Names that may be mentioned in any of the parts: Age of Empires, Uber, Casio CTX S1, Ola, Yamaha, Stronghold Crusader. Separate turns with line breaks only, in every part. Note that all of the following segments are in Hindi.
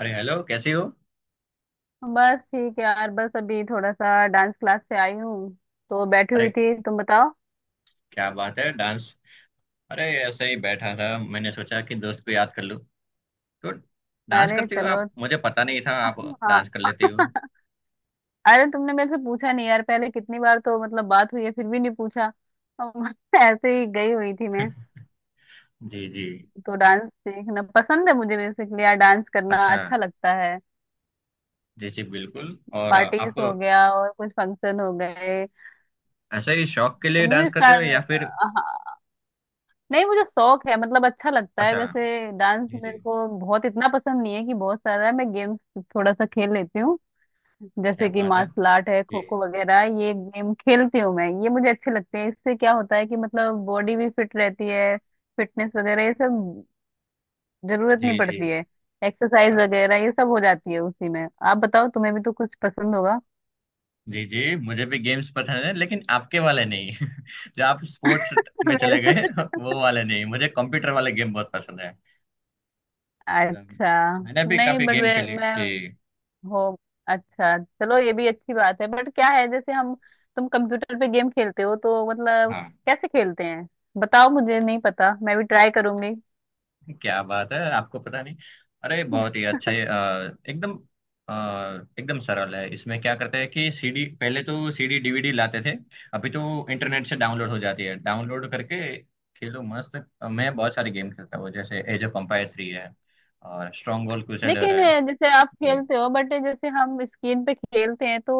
अरे हेलो, कैसी हो।
बस ठीक है यार। बस अभी थोड़ा सा डांस क्लास से आई हूँ, तो बैठी हुई
अरे
थी। तुम बताओ।
क्या बात है, डांस। अरे ऐसे ही बैठा था, मैंने सोचा कि दोस्त को याद कर लूं तो। डांस
अरे
करती हो
चलो,
आप? मुझे पता नहीं था आप
हाँ।
डांस कर लेती हो।
अरे तुमने मेरे से पूछा नहीं यार, पहले कितनी बार तो मतलब बात हुई है, फिर भी नहीं पूछा। अम, ऐसे ही गई हुई थी मैं।
जी जी।
तो डांस सीखना पसंद है मुझे, बेसिकली यार डांस करना
अच्छा।
अच्छा लगता है।
जी जी बिल्कुल। और
पार्टीज
आप?
हो गया और कुछ फंक्शन हो गए।
ऐसे ही शौक के
तो
लिए
मुझे
डांस करते हो
स्टार
या फिर?
नहीं, मुझे शौक है, मतलब अच्छा लगता है
अच्छा।
वैसे। डांस
जी जी।
मेरे को बहुत इतना पसंद नहीं है कि बहुत सारा है। मैं गेम्स थोड़ा सा खेल लेती हूँ,
क्या
जैसे कि
बात है।
मार्शल आर्ट है,
जी
खो खो वगैरह ये गेम खेलती हूँ मैं। ये मुझे अच्छे लगते हैं। इससे क्या होता है कि मतलब बॉडी भी फिट रहती है, फिटनेस वगैरह, ये सब जरूरत
जी
नहीं
जी।
पड़ती है। एक्सरसाइज वगैरह ये सब हो जाती है उसी में। आप बताओ, तुम्हें भी तो कुछ पसंद होगा।
जी जी, मुझे भी गेम्स पसंद है, लेकिन आपके वाले नहीं। जो आप स्पोर्ट्स में
मेरे
चले गए वो वाले नहीं। मुझे कंप्यूटर वाले गेम बहुत पसंद है।
अच्छा
मैंने भी
नहीं
काफी
बट
गेम खेले
मैं
जी।
हो अच्छा चलो, ये भी अच्छी बात है। बट क्या है जैसे हम, तुम कंप्यूटर पे गेम खेलते हो तो मतलब
हाँ।
कैसे खेलते हैं? बताओ, मुझे नहीं पता, मैं भी ट्राई करूंगी।
क्या बात है, आपको पता नहीं? अरे बहुत ही अच्छा है, एकदम अ, एकदम सरल है। इसमें क्या करते हैं कि सीडी पहले तो सीडी डीवीडी लाते थे। अभी तो इंटरनेट से डाउनलोड हो जाती है, डाउनलोड करके खेलो मस्त। मैं बहुत सारे गेम खेलता हूँ, जैसे एज ऑफ एम्पायर 3 है और स्ट्रॉन्ग होल्ड क्रूसेडर
लेकिन
है।
जैसे आप
जी
खेलते हो, बट जैसे हम स्क्रीन पे खेलते हैं तो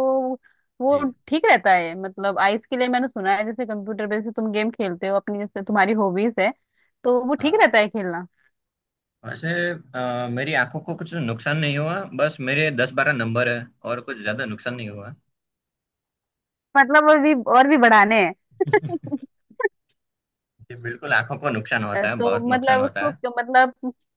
वो
जी।
ठीक रहता है मतलब आइस के लिए? मैंने सुना है जैसे कंप्यूटर पे जैसे तुम गेम खेलते हो, अपनी जैसे तुम्हारी हॉबीज है तो वो ठीक
हाँ।
रहता है खेलना?
वैसे मेरी आंखों को कुछ नुकसान नहीं हुआ, बस मेरे 10 12 नंबर है और कुछ ज्यादा नुकसान नहीं हुआ।
मतलब और भी बढ़ाने हैं।
जी बिल्कुल, आंखों को नुकसान होता है,
तो
बहुत नुकसान
मतलब
होता
उसको
है।
मतलब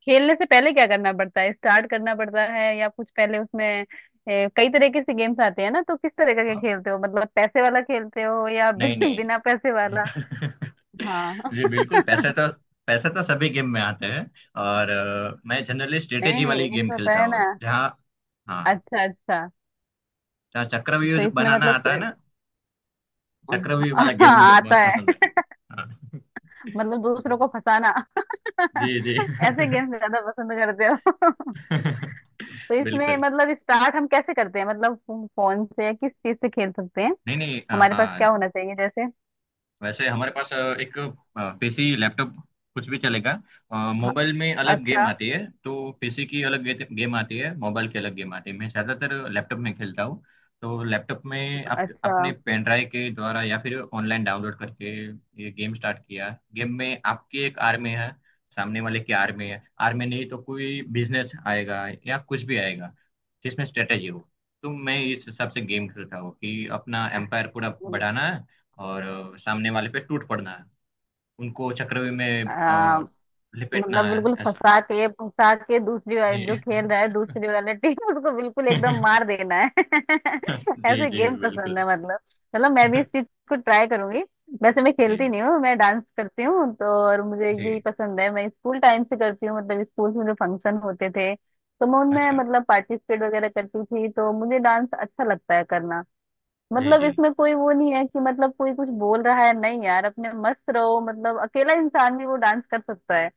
खेलने से पहले क्या करना पड़ता है? स्टार्ट करना पड़ता है या कुछ पहले उसमें? कई तरीके से गेम्स आते हैं ना, तो किस तरह का क्या
हाँ।
खेलते हो? मतलब पैसे वाला खेलते हो या
नहीं नहीं,
बिना पैसे वाला?
नहीं।
हाँ।
जी बिल्कुल, पैसे तो सभी गेम में आते हैं। और मैं जनरली स्ट्रेटेजी
नहीं,
वाली
एक
गेम
होता
खेलता
है
हूँ,
ना।
जहाँ। हाँ।
अच्छा अच्छा।
जहाँ चक्रव्यूह
तो
जो
इसमें
बनाना
मतलब
आता है ना। चक्रव्यूह वाला गेम मुझे
आता
बहुत पसंद है।
है।
हाँ।
मतलब
जी
दूसरों को फंसाना।
जी जी।
ऐसे
जी।
गेम ज्यादा पसंद करते हो। तो इसमें
बिल्कुल।
मतलब स्टार्ट हम कैसे करते हैं मतलब? फोन से या किस चीज से खेल सकते हैं?
नहीं नहीं, हाँ
हमारे पास
हाँ।
क्या होना चाहिए जैसे?
वैसे हमारे पास एक पीसी, लैपटॉप, कुछ भी चलेगा।
ह-
मोबाइल में अलग गेम
अच्छा,
आती है। तो पीसी की अलग गेम आती है, मोबाइल की अलग गेम आती है। मैं ज़्यादातर लैपटॉप में खेलता हूँ। तो लैपटॉप में आप अपने
अच्छा।
पेन ड्राइव के द्वारा या फिर ऑनलाइन डाउनलोड करके ये गेम स्टार्ट किया। गेम में आपकी एक आर में है, सामने वाले की आर में है, आर में नहीं तो कोई बिजनेस आएगा या कुछ भी आएगा जिसमें स्ट्रेटेजी हो। तो मैं इस हिसाब से गेम खेलता हूँ कि अपना एम्पायर पूरा
हम्म,
बढ़ाना है। और सामने वाले पे टूट पड़ना है। उनको चक्रव्यूह में
आ,
लिपेटना
मतलब
है
बिल्कुल
ऐसा।
फंसा के, फंसा के दूसरी
जी।
वाले जो खेल रहा है, दूसरी वाले टीम उसको बिल्कुल एकदम मार देना है।
जी
ऐसे
जी
गेम
बिल्कुल।
पसंद है मतलब। चलो, मैं भी इस चीज को ट्राई करूंगी। वैसे मैं खेलती
जी
नहीं हूँ, मैं डांस करती हूँ तो, और मुझे
जी।
यही पसंद है। मैं स्कूल टाइम से करती हूँ, मतलब स्कूल में जो फंक्शन होते थे तो मैं उनमें
अच्छा।
मतलब पार्टिसिपेट वगैरह करती थी। तो मुझे डांस अच्छा लगता है करना।
जी
मतलब
जी
इसमें कोई वो नहीं है कि मतलब कोई कुछ बोल रहा है, नहीं यार, अपने मस्त रहो, मतलब अकेला इंसान भी वो डांस कर सकता है।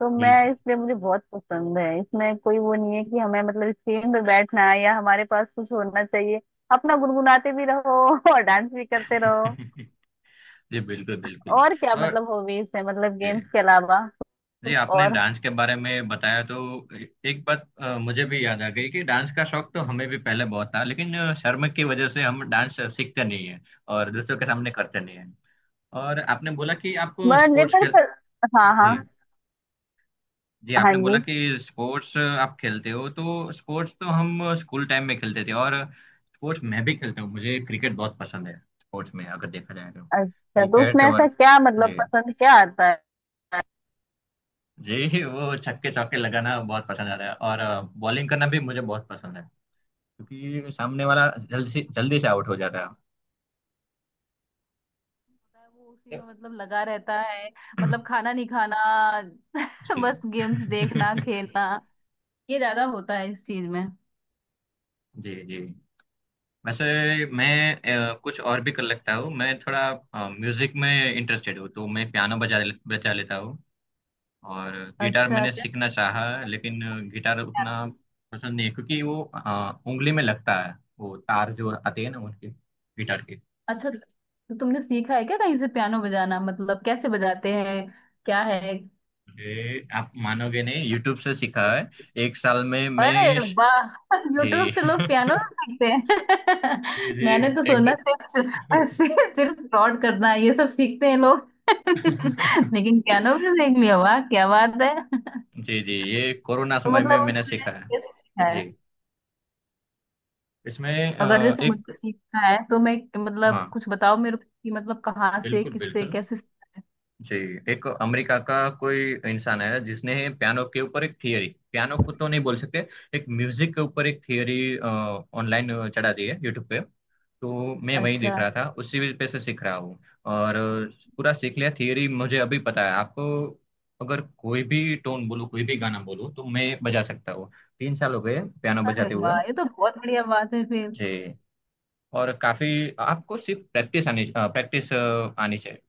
तो मैं
बिल्कुल।
इसलिए, मुझे बहुत पसंद है। इसमें कोई वो नहीं है कि हमें मतलब स्क्रीन पे बैठना है या हमारे पास कुछ होना चाहिए। अपना गुनगुनाते भी रहो और डांस भी करते रहो।
जी बिल्कुल बिल्कुल।
और क्या
और।
मतलब हॉबीज है मतलब गेम्स
जी
के अलावा
जी,
कुछ
आपने
और?
डांस के बारे में बताया तो। एक बात, मुझे भी याद आ गई कि डांस का शौक तो हमें भी पहले बहुत था, लेकिन शर्म की वजह से हम डांस सीखते नहीं है। और दूसरों के सामने करते नहीं है। और आपने बोला कि आप
मैं
स्पोर्ट्स खेल।
लेकर हाँ हाँ।
जी जी,
हाँ
आपने बोला
जी।
कि स्पोर्ट्स आप खेलते हो। तो स्पोर्ट्स तो हम स्कूल टाइम में खेलते थे, और स्पोर्ट्स मैं भी खेलता हूँ। मुझे क्रिकेट बहुत पसंद है। स्पोर्ट्स में अगर देखा जाए तो
अच्छा, तो
क्रिकेट,
उसमें ऐसा
और।
क्या मतलब
जी
पसंद क्या आता है?
जी, वो छक्के चौके लगाना बहुत पसंद आता है, और बॉलिंग करना भी मुझे बहुत पसंद है। क्योंकि सामने वाला जल्दी से आउट हो जाता
वो उसी
है।
में मतलब लगा रहता है। मतलब खाना नहीं खाना।
जी।
बस गेम्स देखना, खेलना, ये ज्यादा होता है इस चीज में।
जी जी। वैसे मैं कुछ और भी कर लेता हूँ। मैं थोड़ा म्यूजिक में इंटरेस्टेड हूँ, तो मैं पियानो बजा लेता हूँ। और गिटार
अच्छा
मैंने
क्या?
सीखना चाहा, लेकिन गिटार
पियानो?
उतना पसंद नहीं है, क्योंकि वो उंगली में लगता है वो तार जो आते हैं ना उनके गिटार के।
अच्छा, तो तुमने सीखा है क्या कहीं से पियानो बजाना? मतलब कैसे बजाए, क्या है?
ये आप मानोगे नहीं, यूट्यूब से सीखा है। 1 साल में
अरे
मैं श-।
वाह। यूट्यूब
ये-
से लोग पियानो भी सीखते
जी
हैं।
जी
मैंने तो सोना
एकदम।
सिर्फ सिर्फ फ्रॉड करना है, ये सब सीखते हैं लोग। लेकिन पियानो भी सीख लिया, वाह क्या बात है।
जी जी, ये कोरोना
तो
समय में
मतलब
मैंने
उसने
सीखा है।
कैसे सीखा?
जी। इसमें
अगर जैसे
एक।
मुझे सीखना है तो मैं मतलब
हाँ
कुछ बताओ मेरे को कि मतलब कहाँ से,
बिल्कुल
किससे,
बिल्कुल।
कैसे?
जी। एक अमेरिका का कोई इंसान है जिसने पियानो के ऊपर एक थियरी, पियानो को तो नहीं बोल सकते, एक म्यूजिक के ऊपर एक थियरी ऑनलाइन चढ़ा दी है यूट्यूब पे। तो मैं वही
अच्छा।
देख रहा था, उसी पे से सीख रहा हूँ। और पूरा सीख लिया थियरी, मुझे अभी पता है। आपको अगर कोई भी टोन बोलो कोई भी गाना बोलो तो मैं बजा सकता हूँ। 3 साल हो गए पियानो
अरे
बजाते हुए।
वाह, ये तो बहुत बढ़िया बात है फिर।
जी। और काफी। आपको सिर्फ प्रैक्टिस आनी चाहिए।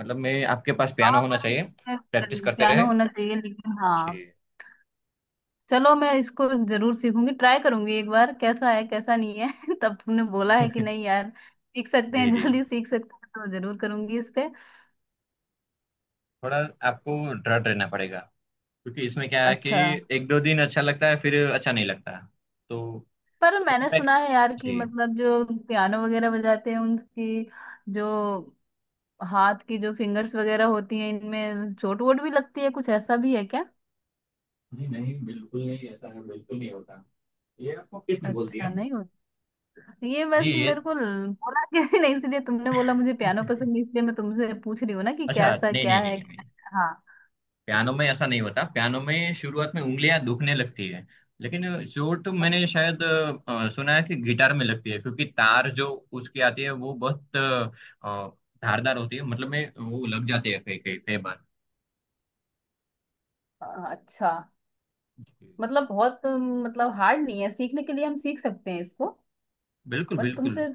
मतलब मैं, आपके पास पियानो
हाँ
होना
पर
चाहिए। प्रैक्टिस करते रहे।
पियानो होना चाहिए, लेकिन हाँ
जी।
चलो, मैं इसको जरूर सीखूंगी, ट्राई करूंगी एक बार कैसा है कैसा नहीं है। तब तुमने बोला है कि नहीं यार सीख सकते हैं
जी जी।
जल्दी सीख सकते हैं, तो जरूर करूंगी इस पे।
थोड़ा आपको दृढ़ रहना पड़ेगा। क्योंकि इसमें क्या है कि
अच्छा।
1 2 दिन अच्छा लगता है, फिर अच्छा नहीं लगता। तो
पर
फिर तो
मैंने
प्रैक-।
सुना है यार कि
जी
मतलब जो पियानो वगैरह बजाते हैं उनकी जो हाथ की जो फिंगर्स वगैरह होती हैं, इनमें चोट वोट भी लगती है, कुछ ऐसा भी है क्या?
जी नहीं, बिल्कुल नहीं ऐसा है, बिल्कुल नहीं होता। ये आपको किसने बोल दिया?
अच्छा नहीं होता। ये
जी
बस
ये।
मेरे को बोला कि नहीं, इसलिए तुमने बोला मुझे पियानो पसंद है, इसलिए मैं तुमसे पूछ रही हूँ ना कि
अच्छा,
कैसा
नहीं
क्या
नहीं
है
नहीं नहीं।
क्या। हाँ।
पियानो में ऐसा नहीं होता, पियानो में शुरुआत में उंगलियां दुखने लगती है। लेकिन चोट तो
अ-
मैंने शायद सुना है कि गिटार में लगती है, क्योंकि तार जो उसकी आती है वो बहुत धारदार होती है, मतलब में वो लग जाते हैं कई कई कई बार।
अच्छा, मतलब बहुत मतलब हार्ड नहीं है सीखने के लिए, हम सीख सकते हैं इसको।
बिल्कुल
पर
बिल्कुल।
तुमसे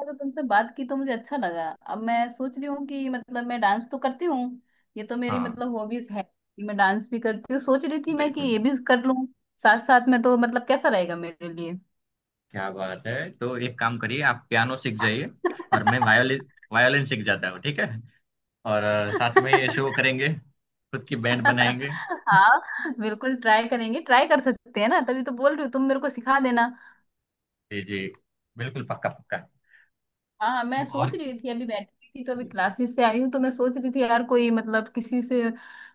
तो, तुमसे बात की तो मुझे अच्छा लगा। अब मैं सोच रही हूँ कि मतलब मैं डांस तो करती हूँ, ये तो मेरी
हाँ।
मतलब हॉबीज है कि मैं डांस भी करती हूँ। सोच रही थी मैं कि
बिल्कुल।
ये भी कर लूँ साथ साथ में। तो मतलब कैसा रहेगा मेरे लिए?
क्या बात है, तो एक काम करिए, आप पियानो सीख जाइए। और मैं वायोलिन वायोलिन सीख जाता हूँ, ठीक है। और साथ में शो करेंगे। खुद की बैंड बनाएंगे।
हाँ बिल्कुल ट्राई करेंगे, ट्राई कर सकते हैं ना, तभी तो बोल रही हूँ, तुम मेरे को सिखा देना।
जी जी बिल्कुल, पक्का पक्का।
हाँ
तो
मैं सोच
और।
रही थी, अभी बैठी हुई थी तो, अभी
जी,
क्लासेस से आई हूँ तो मैं सोच रही थी यार, कोई मतलब किसी से,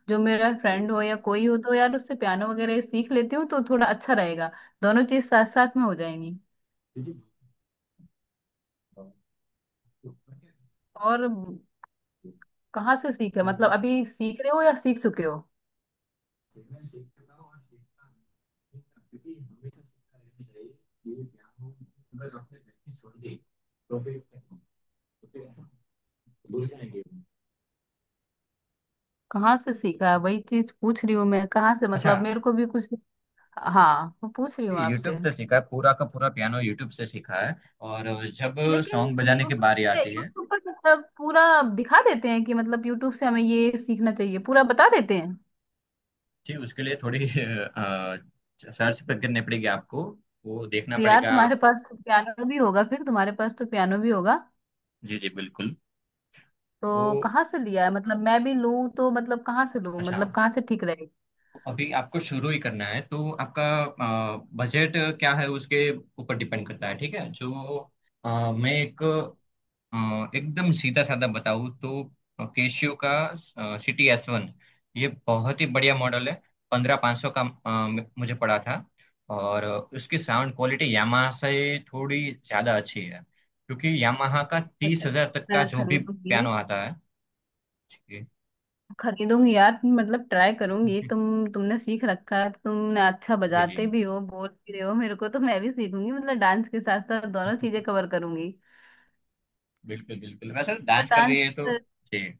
जो मेरा
जी।
फ्रेंड हो या कोई हो तो यार उससे पियानो वगैरह सीख लेती हूँ तो थोड़ा अच्छा रहेगा। दोनों चीज साथ साथ में हो जाएंगी।
Did you?
और कहाँ से सीखा
समय
मतलब,
पर
अभी सीख रहे हो या सीख चुके हो?
सेवा सीखता हूँ और सीखता हूँ। क्योंकि हमेशा सीखता रहना चाहिए, ये ज्ञान हो। अगर आपने प्रैक्टिस छोड़ दी तो फिर भूल जाएंगे।
कहाँ से सीखा, वही चीज पूछ रही हूँ मैं, कहाँ से
अच्छा।
मतलब, मेरे को भी कुछ। हाँ मैं पूछ रही हूँ
यूट्यूब
आपसे।
से सीखा है, पूरा का पूरा पियानो यूट्यूब से सीखा है। और जब
लेकिन
सॉन्ग बजाने की
यूट्यूब
बारी
पे,
आती है।
यूट्यूब पर मतलब पूरा दिखा देते हैं कि मतलब यूट्यूब से हमें ये सीखना चाहिए, पूरा बता देते हैं?
जी, उसके लिए थोड़ी सर्च पर करनी पड़ेगी आपको, वो देखना
तो यार
पड़ेगा।
तुम्हारे पास तो पियानो भी होगा फिर, तुम्हारे पास तो पियानो भी होगा।
जी जी बिल्कुल। वो
तो कहाँ से लिया है मतलब, मैं भी लूँ तो मतलब कहाँ से लूँ,
अच्छा,
मतलब कहाँ से ठीक रहेगा?
अभी आपको शुरू ही करना है तो आपका बजट क्या है उसके ऊपर डिपेंड करता है, ठीक है जो मैं एक एकदम सीधा साधा बताऊँ तो, केशियो का सिटी S1 ये बहुत ही बढ़िया मॉडल है। 15,500 का मुझे पड़ा था। और उसकी साउंड क्वालिटी यामाहा से थोड़ी ज़्यादा अच्छी है। क्योंकि यामाहा का तीस
अच्छा।
हजार तक का
मैं
जो भी
खरीदूंगी,
पियानो आता है। जी।
खरीदूंगी यार, मतलब ट्राई करूंगी। तुम, तुमने सीख रखा है तो, तुमने अच्छा
जी जी।
बजाते भी हो, बोल भी रहे हो मेरे को, तो मैं भी सीखूंगी, मतलब डांस के साथ साथ दोनों चीजें कवर करूंगी।
बिल्कुल बिल्कुल, वैसे
पर
डांस कर रही
डांस
है तो ठीक।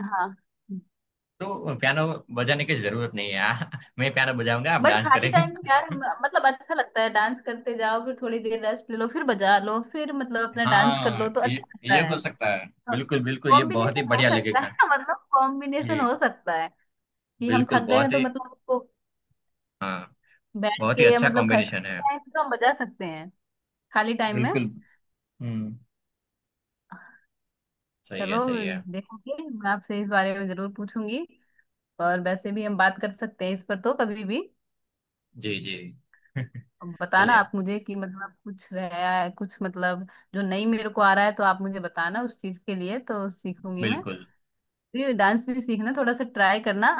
हाँ।
तो पियानो बजाने की जरूरत नहीं है, मैं पियानो बजाऊंगा, आप
बट
डांस
खाली
करेंगे।
टाइम में यार मतलब अच्छा लगता है, डांस करते जाओ फिर थोड़ी देर रेस्ट ले लो, फिर बजा लो, फिर मतलब अपना डांस कर
हाँ,
लो, तो अच्छा
ये
लगता
ये हो
है।
सकता है बिल्कुल बिल्कुल, ये बहुत ही
कॉम्बिनेशन हो
बढ़िया
सकता है
लगेगा।
ना, मतलब
जी
कॉम्बिनेशन हो सकता है कि हम
बिल्कुल,
थक गए हैं
बहुत
तो
ही।
मतलब उसको
हाँ।
बैठ
बहुत ही
के, या
अच्छा
मतलब
कॉम्बिनेशन
खाली
है।
टाइम तो हम बजा सकते हैं, खाली टाइम में।
बिल्कुल। हम्म। सही
चलो,
है, सही है।
देखूंगी मैं, आपसे इस बारे में जरूर पूछूंगी। और वैसे भी हम बात कर सकते हैं इस पर तो कभी भी।
जी जी।
अब बताना
चलिए।
आप मुझे कि मतलब कुछ रहा है कुछ मतलब, जो नहीं मेरे को आ रहा है, तो आप मुझे बताना, उस चीज के लिए तो सीखूंगी मैं।
बिल्कुल।
डांस भी सीखना थोड़ा सा, ट्राई करना।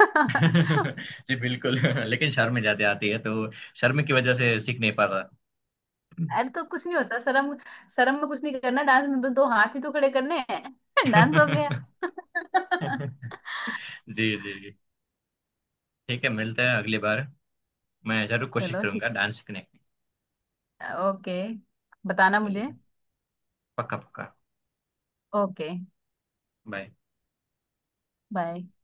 जी बिल्कुल, लेकिन शर्म ज्यादा आती है, तो शर्म की वजह से सीख नहीं पाता।
अरे तो कुछ नहीं होता शर्म, शर्म में कुछ नहीं करना, डांस में तो दो हाथ ही तो खड़े करने हैं डांस हो गया।
जी जी, ठीक है, मिलते हैं अगली बार। मैं जरूर कोशिश
चलो, ठीक।
करूंगा डांस सीखने की।
ओके, बताना मुझे।
चलिए, पक्का पक्का,
ओके,
बाय।
बाय।